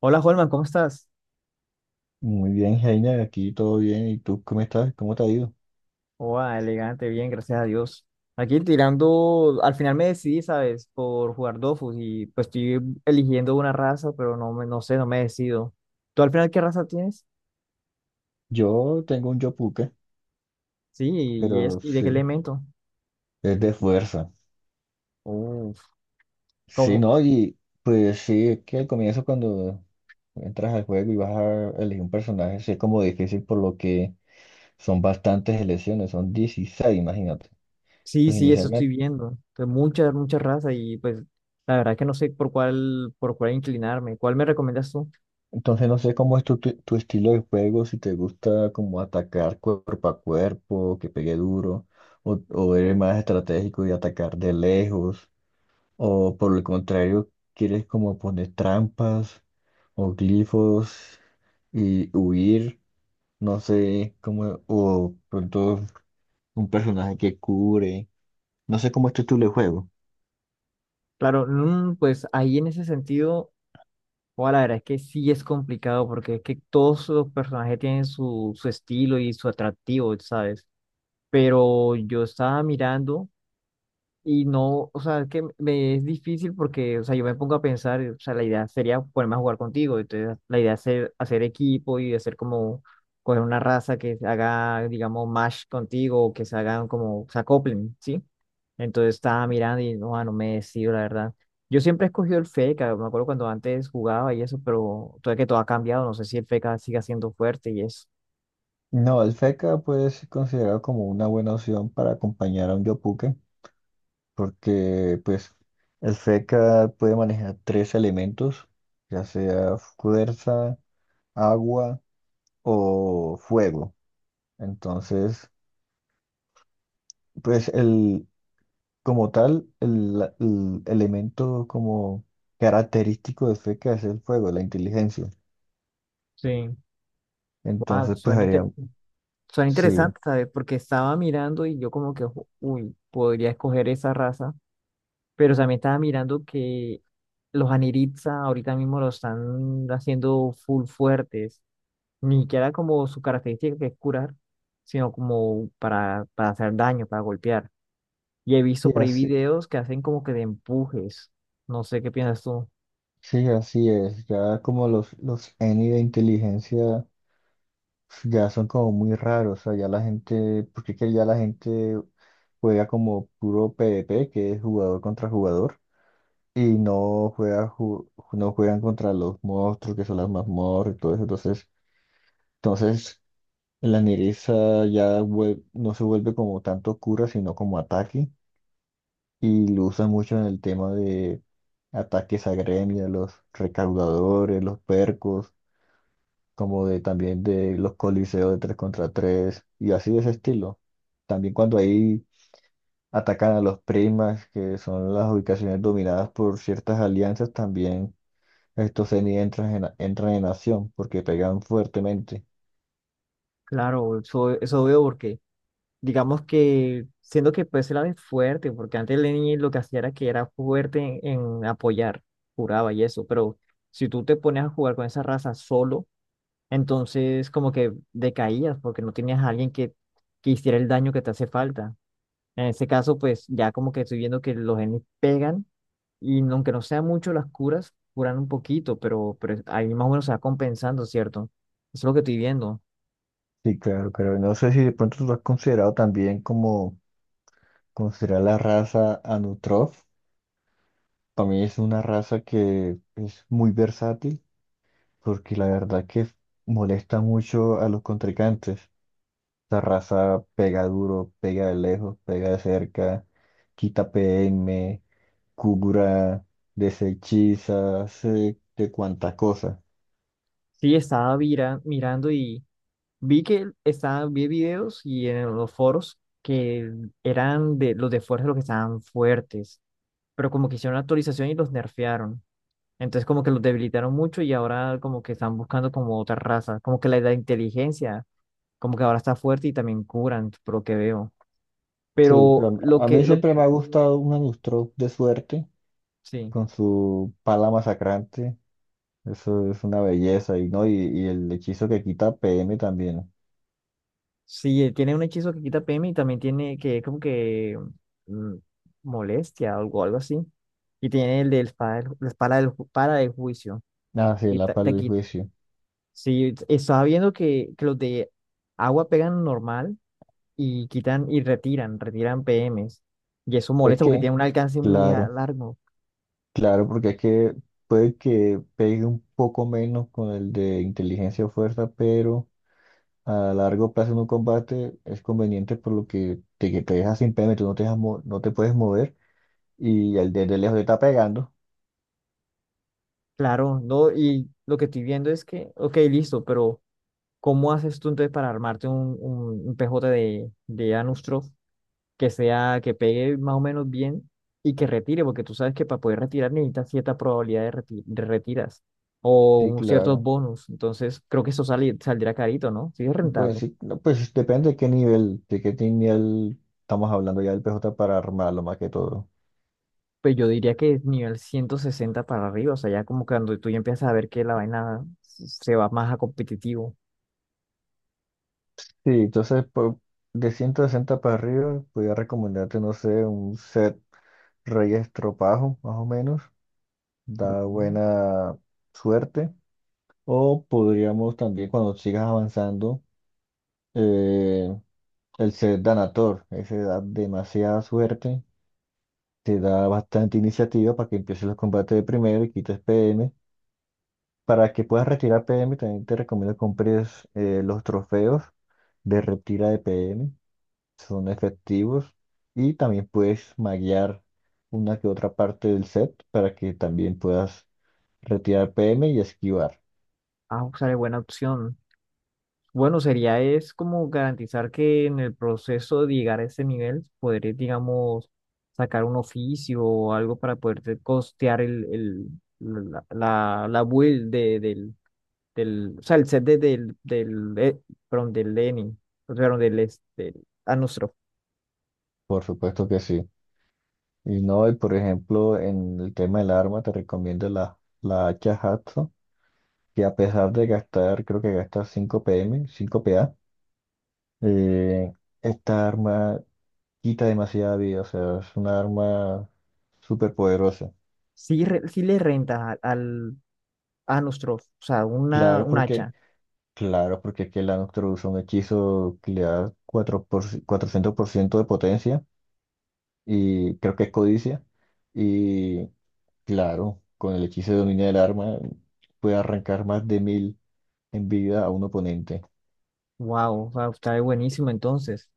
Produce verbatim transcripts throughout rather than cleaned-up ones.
Hola, Holman, ¿cómo estás? Muy bien, Heiner, aquí todo bien. ¿Y tú cómo estás? ¿Cómo te ha ido? Hola, elegante, bien, gracias a Dios. Aquí tirando, al final me decidí, ¿sabes? Por jugar Dofus y pues estoy eligiendo una raza, pero no me, no sé, no me decido. ¿Tú al final qué raza tienes? Yo tengo un yopuque, Sí, y es, pero ¿y de sí, qué elemento? es de fuerza. Uf, Sí, como, ¿no? Y pues sí, es que al comienzo cuando entras al juego y vas a elegir un personaje, sí es como difícil por lo que son bastantes elecciones, son dieciséis, imagínate. sí, Pues sí, eso estoy inicialmente. viendo. Pues muchas, muchas razas y pues la verdad que no sé por cuál, por cuál inclinarme. ¿Cuál me recomiendas tú? Entonces no sé cómo es tu, tu, tu estilo de juego, si te gusta como atacar cuerpo a cuerpo, que pegue duro, o, o eres más estratégico y atacar de lejos. O por el contrario, quieres como poner trampas o glifos y huir, no sé cómo, o pronto un personaje que cubre, no sé cómo es tu el juego. Claro, mm, pues ahí en ese sentido. Bueno, la verdad es que sí es complicado porque es que todos los personajes tienen su, su estilo y su atractivo, ¿sabes? Pero yo estaba mirando. Y no, o sea, es que me es difícil porque, o sea, yo me pongo a pensar, o sea, la idea sería ponerme a jugar contigo, entonces la idea es hacer, hacer equipo y hacer como, coger una raza que haga, digamos, match contigo, o que se hagan como, se acoplen, ¿sí? Entonces estaba mirando y no, ah, no me decido, la verdad. Yo siempre he escogido el FECA, me acuerdo cuando antes jugaba y eso, pero todavía que todo ha cambiado, no sé si el FECA siga siendo fuerte y eso. No, el Fekka puede ser considerado como una buena opción para acompañar a un Yopuke, porque pues el Fekka puede manejar tres elementos, ya sea fuerza, agua o fuego. Entonces, pues el, como tal, el, el elemento como característico de F E C A es el fuego, la inteligencia. Sí, wow. Entonces, pues haría, Son sí, interesantes, ¿sabes? Porque estaba mirando y yo como que, "Ojo, uy, podría escoger esa raza, pero también estaba mirando que los Aniritza ahorita mismo lo están haciendo full fuertes, ni siquiera como su característica que es curar, sino como para, para hacer daño, para golpear. Y he sí, visto por ahí así, videos que hacen como que de empujes, no sé qué piensas tú. sí, así es. Ya como los, los Eni de inteligencia ya son como muy raros. O sea, ya la gente, porque es que ya la gente juega como puro PvP, que es jugador contra jugador, y no juega, ju- no juegan contra los monstruos, que son las mazmorras y todo eso. Entonces, entonces la nereza ya vuel- no se vuelve como tanto cura, sino como ataque, y lo usan mucho en el tema de ataques a gremios, los recaudadores, los percos, como de también de los coliseos de tres contra tres y así de ese estilo. También cuando ahí atacan a los primas, que son las ubicaciones dominadas por ciertas alianzas, también estos Zeni entran en, entran en acción, porque pegan fuertemente. Claro, eso, eso veo porque digamos que siendo que pues él era fuerte, porque antes Lenny lo que hacía era que era fuerte en, en apoyar, juraba y eso, pero si tú te pones a jugar con esa raza solo, entonces como que decaías porque no tenías a alguien que, que hiciera el daño que te hace falta. En ese caso, pues ya como que estoy viendo que los genes pegan y no- aunque no sean mucho las curas, curan un poquito, pero, pero ahí más o menos se va compensando, ¿cierto? Eso es lo que estoy viendo. Sí, claro, pero no sé si de pronto tú lo has considerado también como considerar la raza Anutrof. Para mí es una raza que es muy versátil, porque la verdad que molesta mucho a los contrincantes. Esa raza pega duro, pega de lejos, pega de cerca, quita P M, cura, desechiza, hace de cuanta cosa. Sí, estaba vira- mirando y... Vi que estaban, vi videos y en los foros que eran de los de fuerza los que estaban fuertes, pero como que hicieron la actualización y los nerfearon. Entonces como que los debilitaron mucho y ahora como que están buscando como otra raza, como que la, la inteligencia, como que ahora está fuerte y también curan, por lo que veo. Sí, Pero pero lo a mí que, lo, siempre me ha gustado un Anutrof de suerte, sí, con su pala masacrante. Eso es una belleza, y no, y, y el hechizo que quita P M también. sí, eh, tiene un hechizo que quita P M y también tiene que es como que mm, molestia o algo, algo así. Y tiene el de la espada, del ju- la espada del ju- para el juicio. Ah, sí, la quita- para Te el quita. juicio. Sí, estaba viendo que, que los de agua pegan normal y quitan y retiran, retiran P Ms. Y eso Es molesta porque que, tiene un alcance muy a- claro, largo. claro, porque es que puede que pegue un poco menos con el de inteligencia o fuerza, pero a largo plazo en un combate es conveniente por lo que te, que te dejas sin P M, tú no te dejas mo- no te puedes mover, y el de, de lejos te está pegando. Claro, ¿no? Y lo que estoy viendo es que, ok, listo, pero ¿cómo haces tú entonces para armarte un, un, un P J de, de Anustro que sea, que pegue más o menos bien y que retire, porque tú sabes que para poder retirar necesitas cierta probabilidad de, reti- de retiras o Sí, un- ciertos claro. bonus. Entonces, creo que eso sale, saldrá carito, ¿no? Sí, es Bueno, rentable. sí, no, pues depende de qué nivel, de qué nivel estamos hablando ya del P J para armarlo más que todo. Pues yo diría que nivel ciento sesenta para arriba, o sea, ya como cuando tú ya empiezas a ver que la vaina se va más a competitivo. Sí, entonces por, de ciento sesenta para arriba, podría recomendarte, no sé, un set Reyes Estropajo, más o menos. Da Ujú. buena suerte. O podríamos también, cuando sigas avanzando, eh, el set Danator. Ese da demasiada suerte. Te da bastante iniciativa para que empieces los combates de primero y quites P M. Para que puedas retirar P M, también te recomiendo que compres eh, los trofeos de retira de P M son efectivos y también puedes maguear una que otra parte del set para que también puedas retirar P M y esquivar. Ah, sale buena opción. Bueno, sería es como garantizar que en el proceso de llegar a ese nivel podré, digamos, sacar un oficio o algo para poderte costear el, el, la, la, la build de, del, del, o sea, el set de, del, del, eh, perdón, del Lenin, o sea, del, es- del Anostrof. Por supuesto que sí. Y no, y por ejemplo, en el tema del arma te recomiendo la, la hacha Hatso, que a pesar de gastar, creo que gasta cinco P M, cinco P A, eh, esta arma quita demasiada vida, o sea, es una arma súper poderosa. Sí, re- sí le renta al Anostrof, o sea, una, Claro, un porque hacha. claro, porque es que la Nocturne usa un hechizo que le da cuatro por, ci- cuatrocientos por ciento de potencia y creo que es codicia. Y claro, con el hechizo de dominio del arma puede arrancar más de mil en vida a un oponente. Wow, wow, está buenísimo entonces.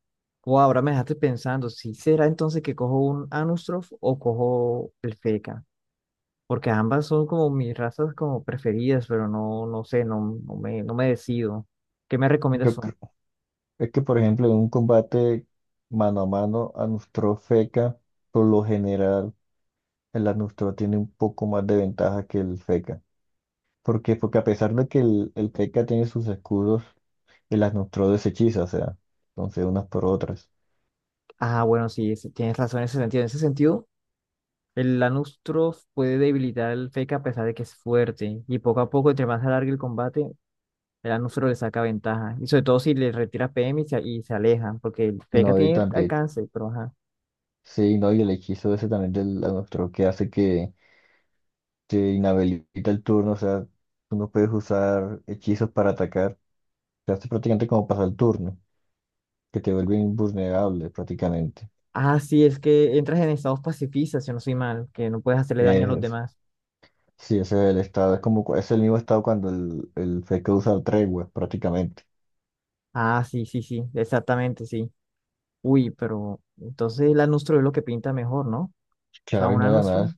Wow, ahora me dejaste pensando, ¿si será entonces que cojo un Anustrof o cojo el Feca? Porque ambas son como mis razas como preferidas, pero no, no sé, no, no me, no me decido. ¿Qué me recomiendas Yo tú? creo es que, por ejemplo, en un combate mano a mano, Anustro Feca, por lo general, el Anustro tiene un poco más de ventaja que el Feca. ¿Por qué? Porque a pesar de que el, el Feca tiene sus escudos y las neutró de ese hechizo, o sea, entonces unas por otras. Ah, bueno, sí, es- tienes razón en ese sentido. En ese sentido, el Anustrof puede debilitar al Feca a pesar de que es fuerte. Y poco a poco, entre más se alargue el combate, el Anustrof le saca ventaja. Y sobre todo si le retira P M y se, y se aleja, porque el Feca No, y tiene también, alcance, pero ajá. sí, no, y el hechizo ese también del la neutró que hace que te inhabilita el turno, o sea, tú no puedes usar hechizos para atacar, te hace prácticamente como pasar el turno, que te vuelve invulnerable prácticamente. Ah, sí, es que entras en estados pacifistas, si no soy mal, que no puedes hacerle daño a los Es, demás. sí, ese es el estado, es como, cu- es el mismo estado cuando el, el Fekka usa el tregua prácticamente. Ah, sí, sí, sí, exactamente, sí. Uy, pero entonces el anustro es lo que pinta mejor, ¿no? O sea, Claro, y un no, anustro además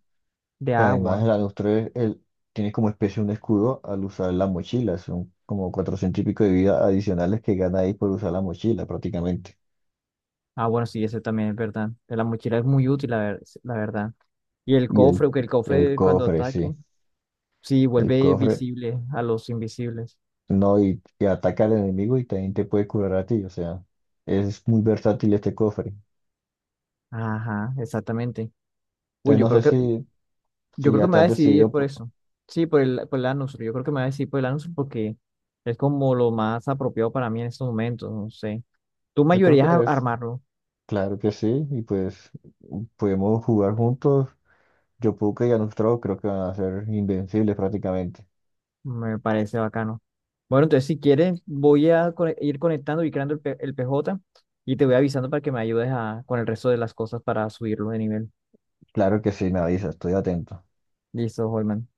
de y además, agua. el Alostre él tiene como especie un escudo al usar la mochila. Son como cuatrocientos y pico de vida adicionales que gana ahí por usar la mochila prácticamente. Ah, bueno, sí, eso también es verdad. La mochila es muy útil, la, ver- la verdad. Y el Y el, cofre, que el el cofre cuando cofre, ataque, sí. sí, El vuelve cofre, visible a los invisibles. no, y, y ataca al enemigo y también te puede curar a ti. O sea, es muy versátil este cofre. Ajá, exactamente. Uy, Entonces, yo no creo sé que si, yo si creo que ya me te voy a has decidir decidido, por por- eso. Sí, por el, por el Anusur. Yo creo que me voy a decidir por el Anusur porque es como lo más apropiado para mí en estos momentos. No sé. Tú me Yo creo que ayudarías a es, armarlo. claro que sí. Y pues podemos jugar juntos. Yo puedo que y Alostre creo que van a ser invencibles prácticamente. Me parece bacano. Bueno, entonces si quieres, voy a co- ir conectando y creando el, P- el P J y te voy avisando para que me ayudes a, con el resto de las cosas para subirlo de nivel. Claro que sí, me avisas, estoy atento. Listo, Holman.